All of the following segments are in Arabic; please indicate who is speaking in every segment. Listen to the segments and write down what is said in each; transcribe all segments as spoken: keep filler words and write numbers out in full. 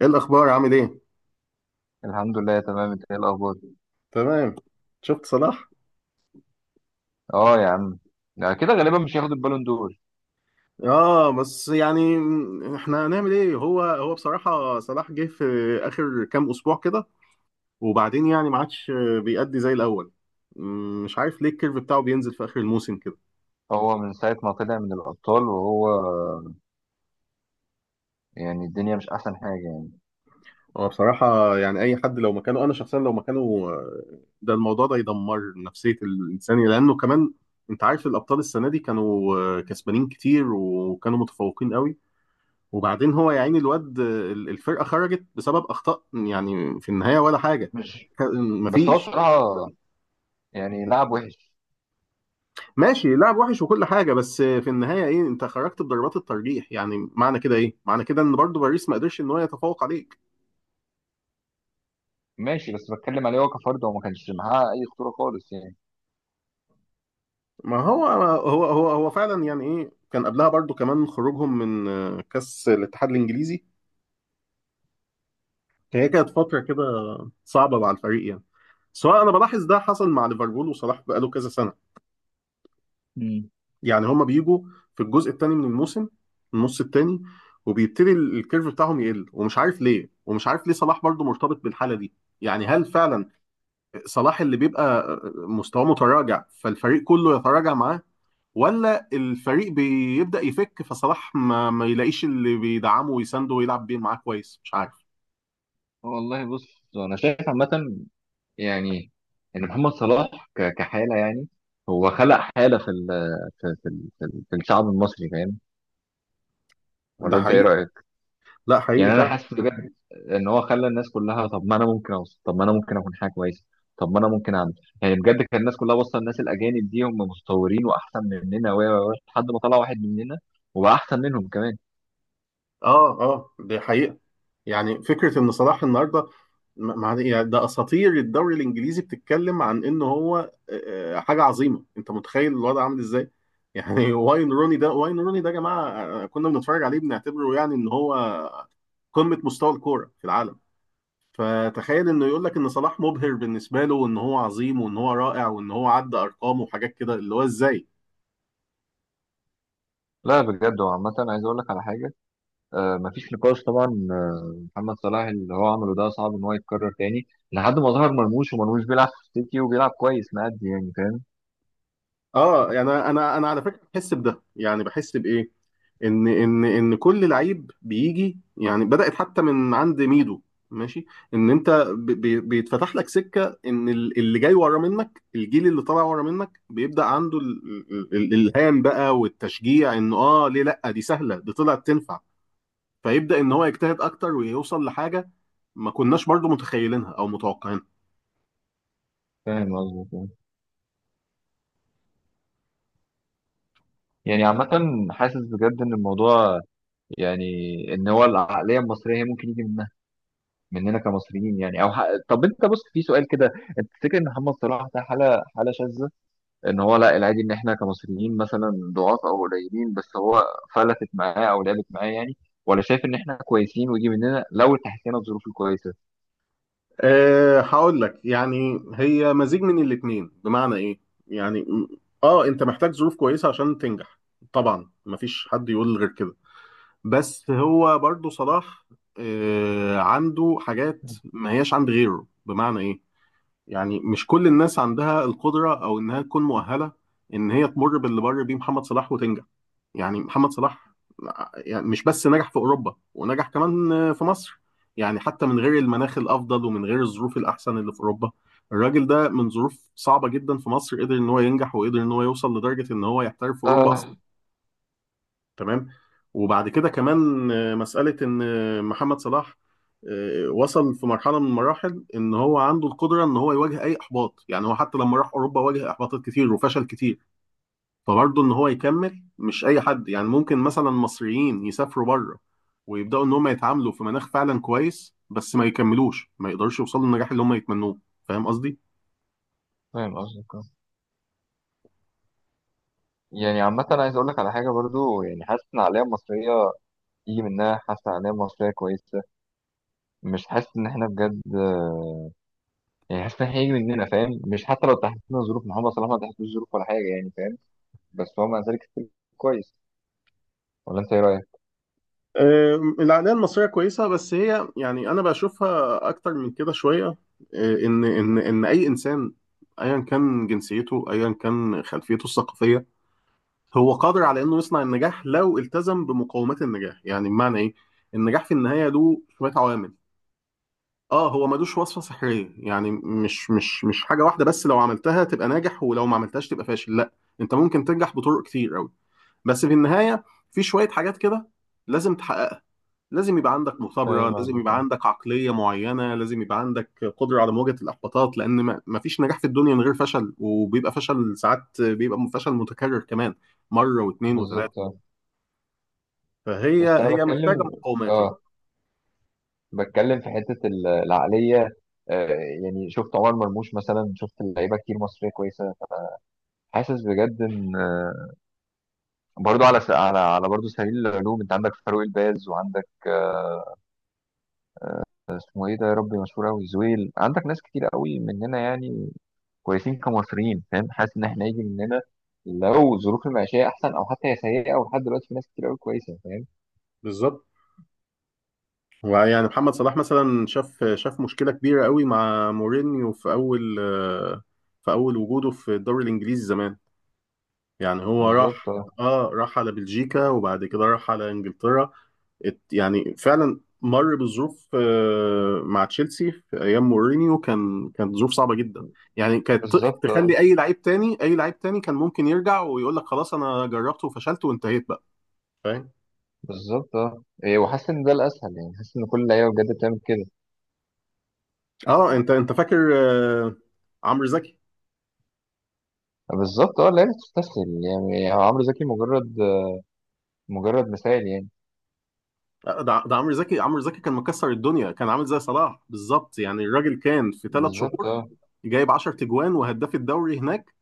Speaker 1: ايه الاخبار، عامل ايه؟
Speaker 2: الحمد لله تمام، انت ايه الاخبار؟
Speaker 1: تمام. شفت صلاح؟
Speaker 2: اه يا عم. لا كده غالبا مش هياخد البالون دور.
Speaker 1: اه، بس يعني احنا هنعمل ايه؟ هو هو بصراحة صلاح جه في اخر كام اسبوع كده، وبعدين يعني ما عادش بيأدي زي الاول. مم، مش عارف ليه الكيرف بتاعه بينزل في اخر الموسم كده.
Speaker 2: هو من ساعه ما طلع من الابطال وهو يعني الدنيا مش احسن حاجه يعني.
Speaker 1: هو بصراحة يعني اي حد لو مكانه، انا شخصيا لو مكانه آه، ده الموضوع ده يدمر نفسية الانسان، لانه كمان انت عارف الابطال السنة دي كانوا آه، كسبانين كتير وكانوا متفوقين قوي. وبعدين هو يا عيني الواد ال- الفرقه خرجت بسبب اخطاء يعني في النهايه ولا حاجه.
Speaker 2: مش
Speaker 1: ك-
Speaker 2: بس هو
Speaker 1: مفيش.
Speaker 2: بصراحه يعني لاعب وحش.
Speaker 1: ماشي، لعب وحش وكل حاجه، بس في النهايه ايه؟ انت خرجت بضربات الترجيح، يعني معنى كده ايه؟ معنى كده ان برضو باريس ما قدرش ان هو يتفوق عليك.
Speaker 2: ماشي بس بتكلم عليه هو كفرد، هو ما كانش معاه اي خطوره خالص يعني.
Speaker 1: ما هو هو هو هو فعلا، يعني ايه، كان قبلها برضو كمان خروجهم من آه، كاس الاتحاد الانجليزي. هي كانت فتره كده صعبه مع الفريق يعني. سواء انا بلاحظ ده حصل مع ليفربول، وصلاح بقاله كذا سنه
Speaker 2: مم.
Speaker 1: يعني هما بيجوا في الجزء الثاني من الموسم، النص الثاني، وبيبتدي ال- الكيرف بتاعهم يقل ومش عارف ليه، ومش عارف ليه صلاح برضو مرتبط بالحالة دي. يعني هل فعلا صلاح اللي بيبقى مستواه متراجع فالفريق كله يتراجع معاه، ولا الفريق بيبدأ يفك فصلاح ما, ما يلاقيش اللي بيدعمه ويسنده ويلعب بيه معاه كويس؟ مش عارف.
Speaker 2: والله بص انا شايف عامه يعني ان محمد صلاح ك- كحاله يعني هو خلق حاله في ال في في, ال- في, ال- في الشعب المصري، فاهم؟
Speaker 1: ده
Speaker 2: ولا انت ايه
Speaker 1: حقيقي.
Speaker 2: رايك؟
Speaker 1: لا، حقيقي
Speaker 2: يعني انا
Speaker 1: فعلا.
Speaker 2: حاسس بجد ان هو خلى الناس كلها طب ما انا ممكن اوصل، طب ما انا ممكن اكون حاجه كويسه، طب ما انا ممكن اعمل يعني بجد. كان الناس كلها باصه الناس الاجانب دي هم متطورين واحسن مننا و و- و- لحد ما طلع واحد مننا وبقى احسن منهم كمان.
Speaker 1: اه اه، دي حقيقة. يعني فكره ان صلاح النهارده ما ما- يعني ده اساطير الدوري الانجليزي بتتكلم عن ان هو آه، حاجه عظيمه. انت متخيل الوضع عامل ازاي؟ يعني واين روني ده، واين روني ده يا جماعه، آه، كنا بنتفرج عليه بنعتبره يعني ان هو قمه مستوى الكوره في العالم. فتخيل انه يقول لك ان صلاح مبهر بالنسبه له، وان هو عظيم وان هو رائع وان هو عدى ارقامه وحاجات كده، اللي هو ازاي.
Speaker 2: لا بجد هو عامة عايز اقول لك على حاجة. آه مفيش نقاش طبعا. آه، محمد صلاح اللي هو عمله ده صعب ان هو يتكرر تاني لحد ما ظهر مرموش، ومرموش بيلعب في السيتي وبيلعب كويس مأدي يعني، فاهم؟
Speaker 1: اه يعني انا انا على فكره بحس بده، يعني بحس بايه؟ ان ان ان كل لعيب بيجي، يعني بدأت حتى من عند ميدو. ماشي. ان انت ب- بي- بيتفتح لك سكة، ان ال- اللي جاي ورا منك، الجيل اللي طالع ورا منك بيبدأ عنده ال- ال- ال- الالهام بقى والتشجيع، انه اه ليه لا، دي سهلة، دي طلعت تنفع. فيبدأ ان هو يجتهد اكتر ويوصل لحاجة ما كناش برضو متخيلينها او متوقعينها.
Speaker 2: فاهم قصدك آه. يعني عامة حاسس بجد ان الموضوع يعني ان هو العقليه المصريه هي ممكن يجي من مننا كمصريين يعني. او ح... طب انت بص في سؤال كده. انت تفتكر ان محمد صلاح ده حاله، حاله شاذه، ان هو لا العادي، ان احنا كمصريين مثلا ضعاف او قليلين بس هو فلتت معاه او لعبت معاه يعني؟ ولا شايف ان احنا كويسين ويجي مننا لو تحسينا الظروف الكويسه؟
Speaker 1: أه هقول لك يعني هي مزيج من الاتنين. بمعنى ايه؟ يعني م- اه، انت محتاج ظروف كويسة عشان تنجح، طبعا مفيش حد يقول غير كده. بس هو برضو صلاح أه عنده حاجات ما هياش عند غيره. بمعنى ايه؟ يعني مش كل الناس عندها القدرة او انها تكون مؤهلة ان هي تمر باللي مر بيه محمد صلاح وتنجح. يعني محمد صلاح يعني مش بس نجح في اوروبا، ونجح كمان في مصر. يعني حتى من غير المناخ الافضل ومن غير الظروف الاحسن اللي في اوروبا، الراجل ده من ظروف صعبه جدا في مصر قدر ان هو ينجح، وقدر ان هو يوصل لدرجه ان هو يحترف في اوروبا اصلا.
Speaker 2: اه،
Speaker 1: تمام. وبعد كده كمان آه، مساله ان آه، محمد صلاح آه، وصل في مرحله من المراحل ان هو عنده القدره ان هو يواجه اي احباط. يعني هو حتى لما راح اوروبا واجه احباطات كتير وفشل كتير، فبرضه ان هو يكمل مش اي حد يعني. ممكن مثلا مصريين يسافروا بره، ويبداوا ان هم يتعاملوا في مناخ فعلا كويس، بس ما يكملوش، ما يقدروش يوصلوا للنجاح اللي هم يتمنوه. فاهم قصدي؟
Speaker 2: فاهم قصدك آه. يعني عامة أنا عايز أقول لك على حاجة برضو، يعني حاسس إن العقلية المصرية يجي منها. حاسس إن العقلية المصرية كويسة، مش حاسس إن إحنا بجد يعني. حاسس إن إحنا هيجي مننا، فاهم؟ مش حتى لو تحسينا ظروف محمد صلاح ما تحسناش ظروف ولا حاجة يعني، فاهم؟ بس هو مع ذلك ستيل كويس. ولا انت ايه رايك؟
Speaker 1: آم، العقليه المصريه كويسه، بس هي يعني انا بشوفها اكتر من كده شويه. آه، ان ان ان اي انسان، ايا كان جنسيته، ايا كان خلفيته الثقافيه، هو قادر على انه يصنع النجاح لو التزم بمقومات النجاح. يعني بمعنى ايه؟ النجاح في النهايه له شويه عوامل. اه، هو ملوش وصفة سحرية، يعني مش مش مش حاجة واحدة بس لو عملتها تبقى ناجح ولو ما عملتهاش تبقى فاشل، لا. انت ممكن تنجح بطرق كتير قوي، بس في النهاية في شوية حاجات كده لازم تحققها. لازم يبقى عندك
Speaker 2: فاهم
Speaker 1: مثابرة، لازم
Speaker 2: قصدك
Speaker 1: يبقى
Speaker 2: أيوة.
Speaker 1: عندك عقلية معينة، لازم يبقى عندك قدرة على مواجهة الإحباطات، لأن ما ما فيش نجاح في الدنيا من غير فشل. وبيبقى فشل ساعات، بيبقى فشل متكرر كمان، مرة واثنين
Speaker 2: بالظبط
Speaker 1: وثلاثة.
Speaker 2: آه.
Speaker 1: فهي،
Speaker 2: بس انا
Speaker 1: هي محتاجة
Speaker 2: بتكلم.
Speaker 1: مقاومات يعني.
Speaker 2: اه بتكلم في حته ال- العقليه. آه يعني شفت عمر مرموش مثلا، شفت لعيبه كتير مصريه كويسه. حاسس بجد ان آه، برضو على س... على على برضو سبيل العلوم انت عندك فاروق الباز، وعندك آه، اسمه ايه ده يا ربي مشهور قوي، زويل. عندك ناس كتير قوي مننا يعني، كويسين كمصريين، فاهم؟ حاسس ان احنا يجي مننا لو ظروف المعيشيه احسن، او حتى هي سيئه ولحد دلوقتي في ناس كتير قوي كويسه، فاهم؟
Speaker 1: بالظبط. ويعني محمد صلاح مثلا شاف شاف مشكلة كبيرة قوي مع مورينيو في أول، في أول وجوده في الدوري الإنجليزي زمان. يعني هو
Speaker 2: بالظبط
Speaker 1: راح،
Speaker 2: اه.
Speaker 1: اه، راح على بلجيكا، وبعد كده راح على إنجلترا. ات- يعني فعلا مر بظروف آه، مع تشيلسي في أيام مورينيو، كان، كانت ظروف صعبة جدا. يعني كانت ت-
Speaker 2: بالظبط اه.
Speaker 1: تخلي أي لعيب تاني، أي لعيب تاني كان ممكن يرجع ويقول لك خلاص أنا جربت وفشلت وانتهيت بقى. فاهم؟
Speaker 2: بالظبط اه، إيه، وحاسس ان ده الاسهل يعني، حاسس ان كل اللعيبه بجد بتعمل كده.
Speaker 1: اه، انت انت فاكر آه، عمرو زكي؟
Speaker 2: آه، بالظبط اه. اللعيبه بتستسهل يعني، هو عمرو زكي مجرد مجرد مثال يعني.
Speaker 1: ده ده عمرو زكي، عمرو زكي كان مكسر الدنيا، كان عامل زي صلاح بالظبط. يعني الراجل كان في ثلاث
Speaker 2: بالظبط
Speaker 1: شهور
Speaker 2: اه.
Speaker 1: جايب 10 تجوان، وهداف الدوري هناك،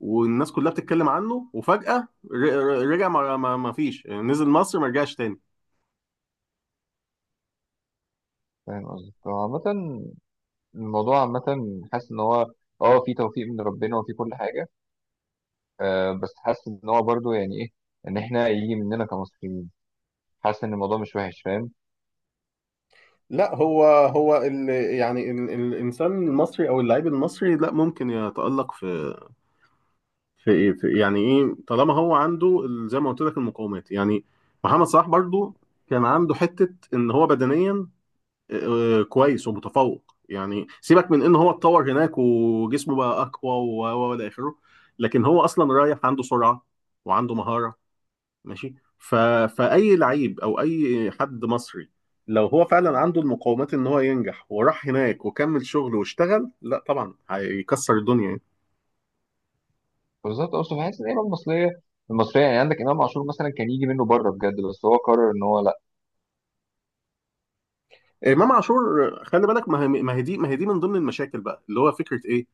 Speaker 1: والناس كلها بتتكلم عنه، وفجأة ر- ر- رجع. ما ما ما فيش يعني، نزل مصر ما رجعش تاني.
Speaker 2: فاهم قصدك. هو عامة الموضوع عامة حاسس ان هو اه في توفيق من ربنا وفي كل حاجة، آه. بس حاسس ان هو برضه يعني ايه، ان احنا يجي مننا كمصريين. حاسس ان الموضوع مش وحش، فاهم؟
Speaker 1: لا هو هو ال يعني ال الانسان المصري او اللاعب المصري، لا، ممكن يتألق في في ايه في، يعني ايه، طالما هو عنده ال- زي ما قلت لك المقومات يعني. محمد صلاح برضو كان عنده حتة ان هو بدنيا آه، كويس ومتفوق. يعني سيبك من ان هو اتطور هناك وجسمه بقى اقوى، و و- والى اخره، لكن هو اصلا رايح عنده سرعه، وعنده مهاره. ماشي ف... فاي لعيب او اي حد مصري، لو هو فعلا عنده المقومات ان هو ينجح وراح هناك وكمل شغله واشتغل، لا طبعا هيكسر الدنيا يعني.
Speaker 2: بالظبط. اصلا حاسس ان اللعيبة المصرية المصرية يعني عندك امام عاشور مثلا كان يجي منه بره بجد بس هو قرر ان هو
Speaker 1: آه، امام عاشور، خلي بالك، ما هي ما هي دي ما هي دي من ضمن المشاكل بقى، اللي هو فكره ايه،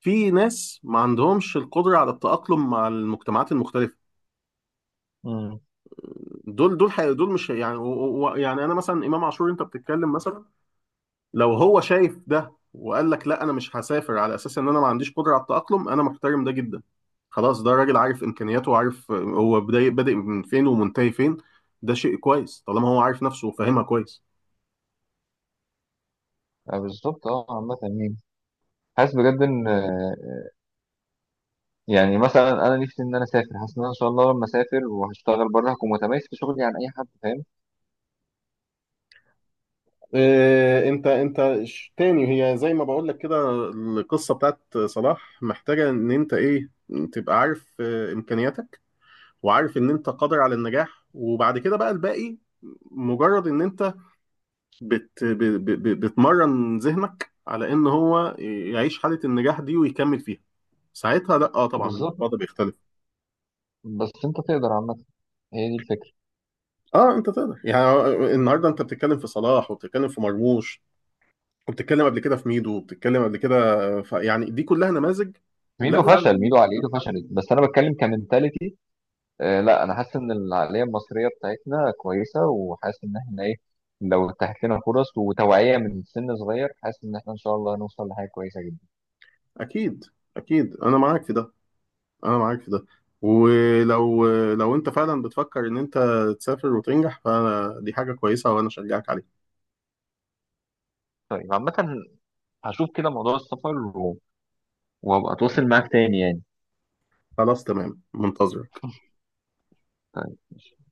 Speaker 1: في ناس ما عندهمش القدره على التاقلم مع المجتمعات المختلفه.
Speaker 2: لا.
Speaker 1: دول دول حي... دول مش يعني و... و... يعني انا مثلا امام عاشور انت بتتكلم مثلا. لو هو شايف ده وقال لك لا انا مش هسافر، على اساس ان انا ما عنديش قدره على التاقلم، انا محترم ده جدا. خلاص ده راجل عارف امكانياته، وعارف هو بداي... بادئ من فين ومنتهي فين. ده شيء كويس طالما هو عارف نفسه وفاهمها كويس.
Speaker 2: آه، بالظبط اه. عامة يعني حاسس بجد ان آه، يعني مثلا انا نفسي ان انا اسافر. حاسس ان انا ان شاء الله لما اسافر وهشتغل بره هكون متميز في شغلي عن اي حد، فاهم؟
Speaker 1: إيه، انت انت ش- تاني هي زي ما بقول لك كده، القصه بتاعت صلاح محتاجه ان انت ايه؟ تبقى عارف آه، امكانياتك، وعارف ان انت قادر على النجاح، وبعد كده بقى الباقي مجرد ان انت بت ب- ب- ب- بتمرن ذهنك على ان هو يعيش حالة النجاح دي ويكمل فيها. ساعتها لا، اه، طبعا
Speaker 2: بالظبط.
Speaker 1: الوضع بيختلف.
Speaker 2: بس انت تقدر عامة، هي دي الفكرة.
Speaker 1: اه، انت تقدر يعني، النهارده انت بتتكلم في صلاح، وبتتكلم في مرموش، وبتتكلم قبل كده في ميدو، وبتتكلم قبل كده، ف... يعني دي كلها نماذج. لا،
Speaker 2: ميدو فشل،
Speaker 1: فعلا.
Speaker 2: ميدو عقليته فشلت، بس انا بتكلم كمنتاليتي. آه لا انا حاسس ان العقلية المصرية بتاعتنا كويسة، وحاسس ان احنا ايه، لو اتاحت لنا فرص وتوعية من سن صغير حاسس ان احنا ان شاء الله هنوصل لحاجة كويسة جدا.
Speaker 1: اكيد، اكيد انا معاك في ده، انا معاك في ده. ولو، لو انت فعلا بتفكر ان انت تسافر وتنجح، فدي حاجة كويسة وانا اشجعك عليها.
Speaker 2: طيب عامة هشوف كده موضوع السفر و- وهبقى اتواصل معاك تاني يعني.
Speaker 1: خلاص، تمام، منتظرك.
Speaker 2: طيب.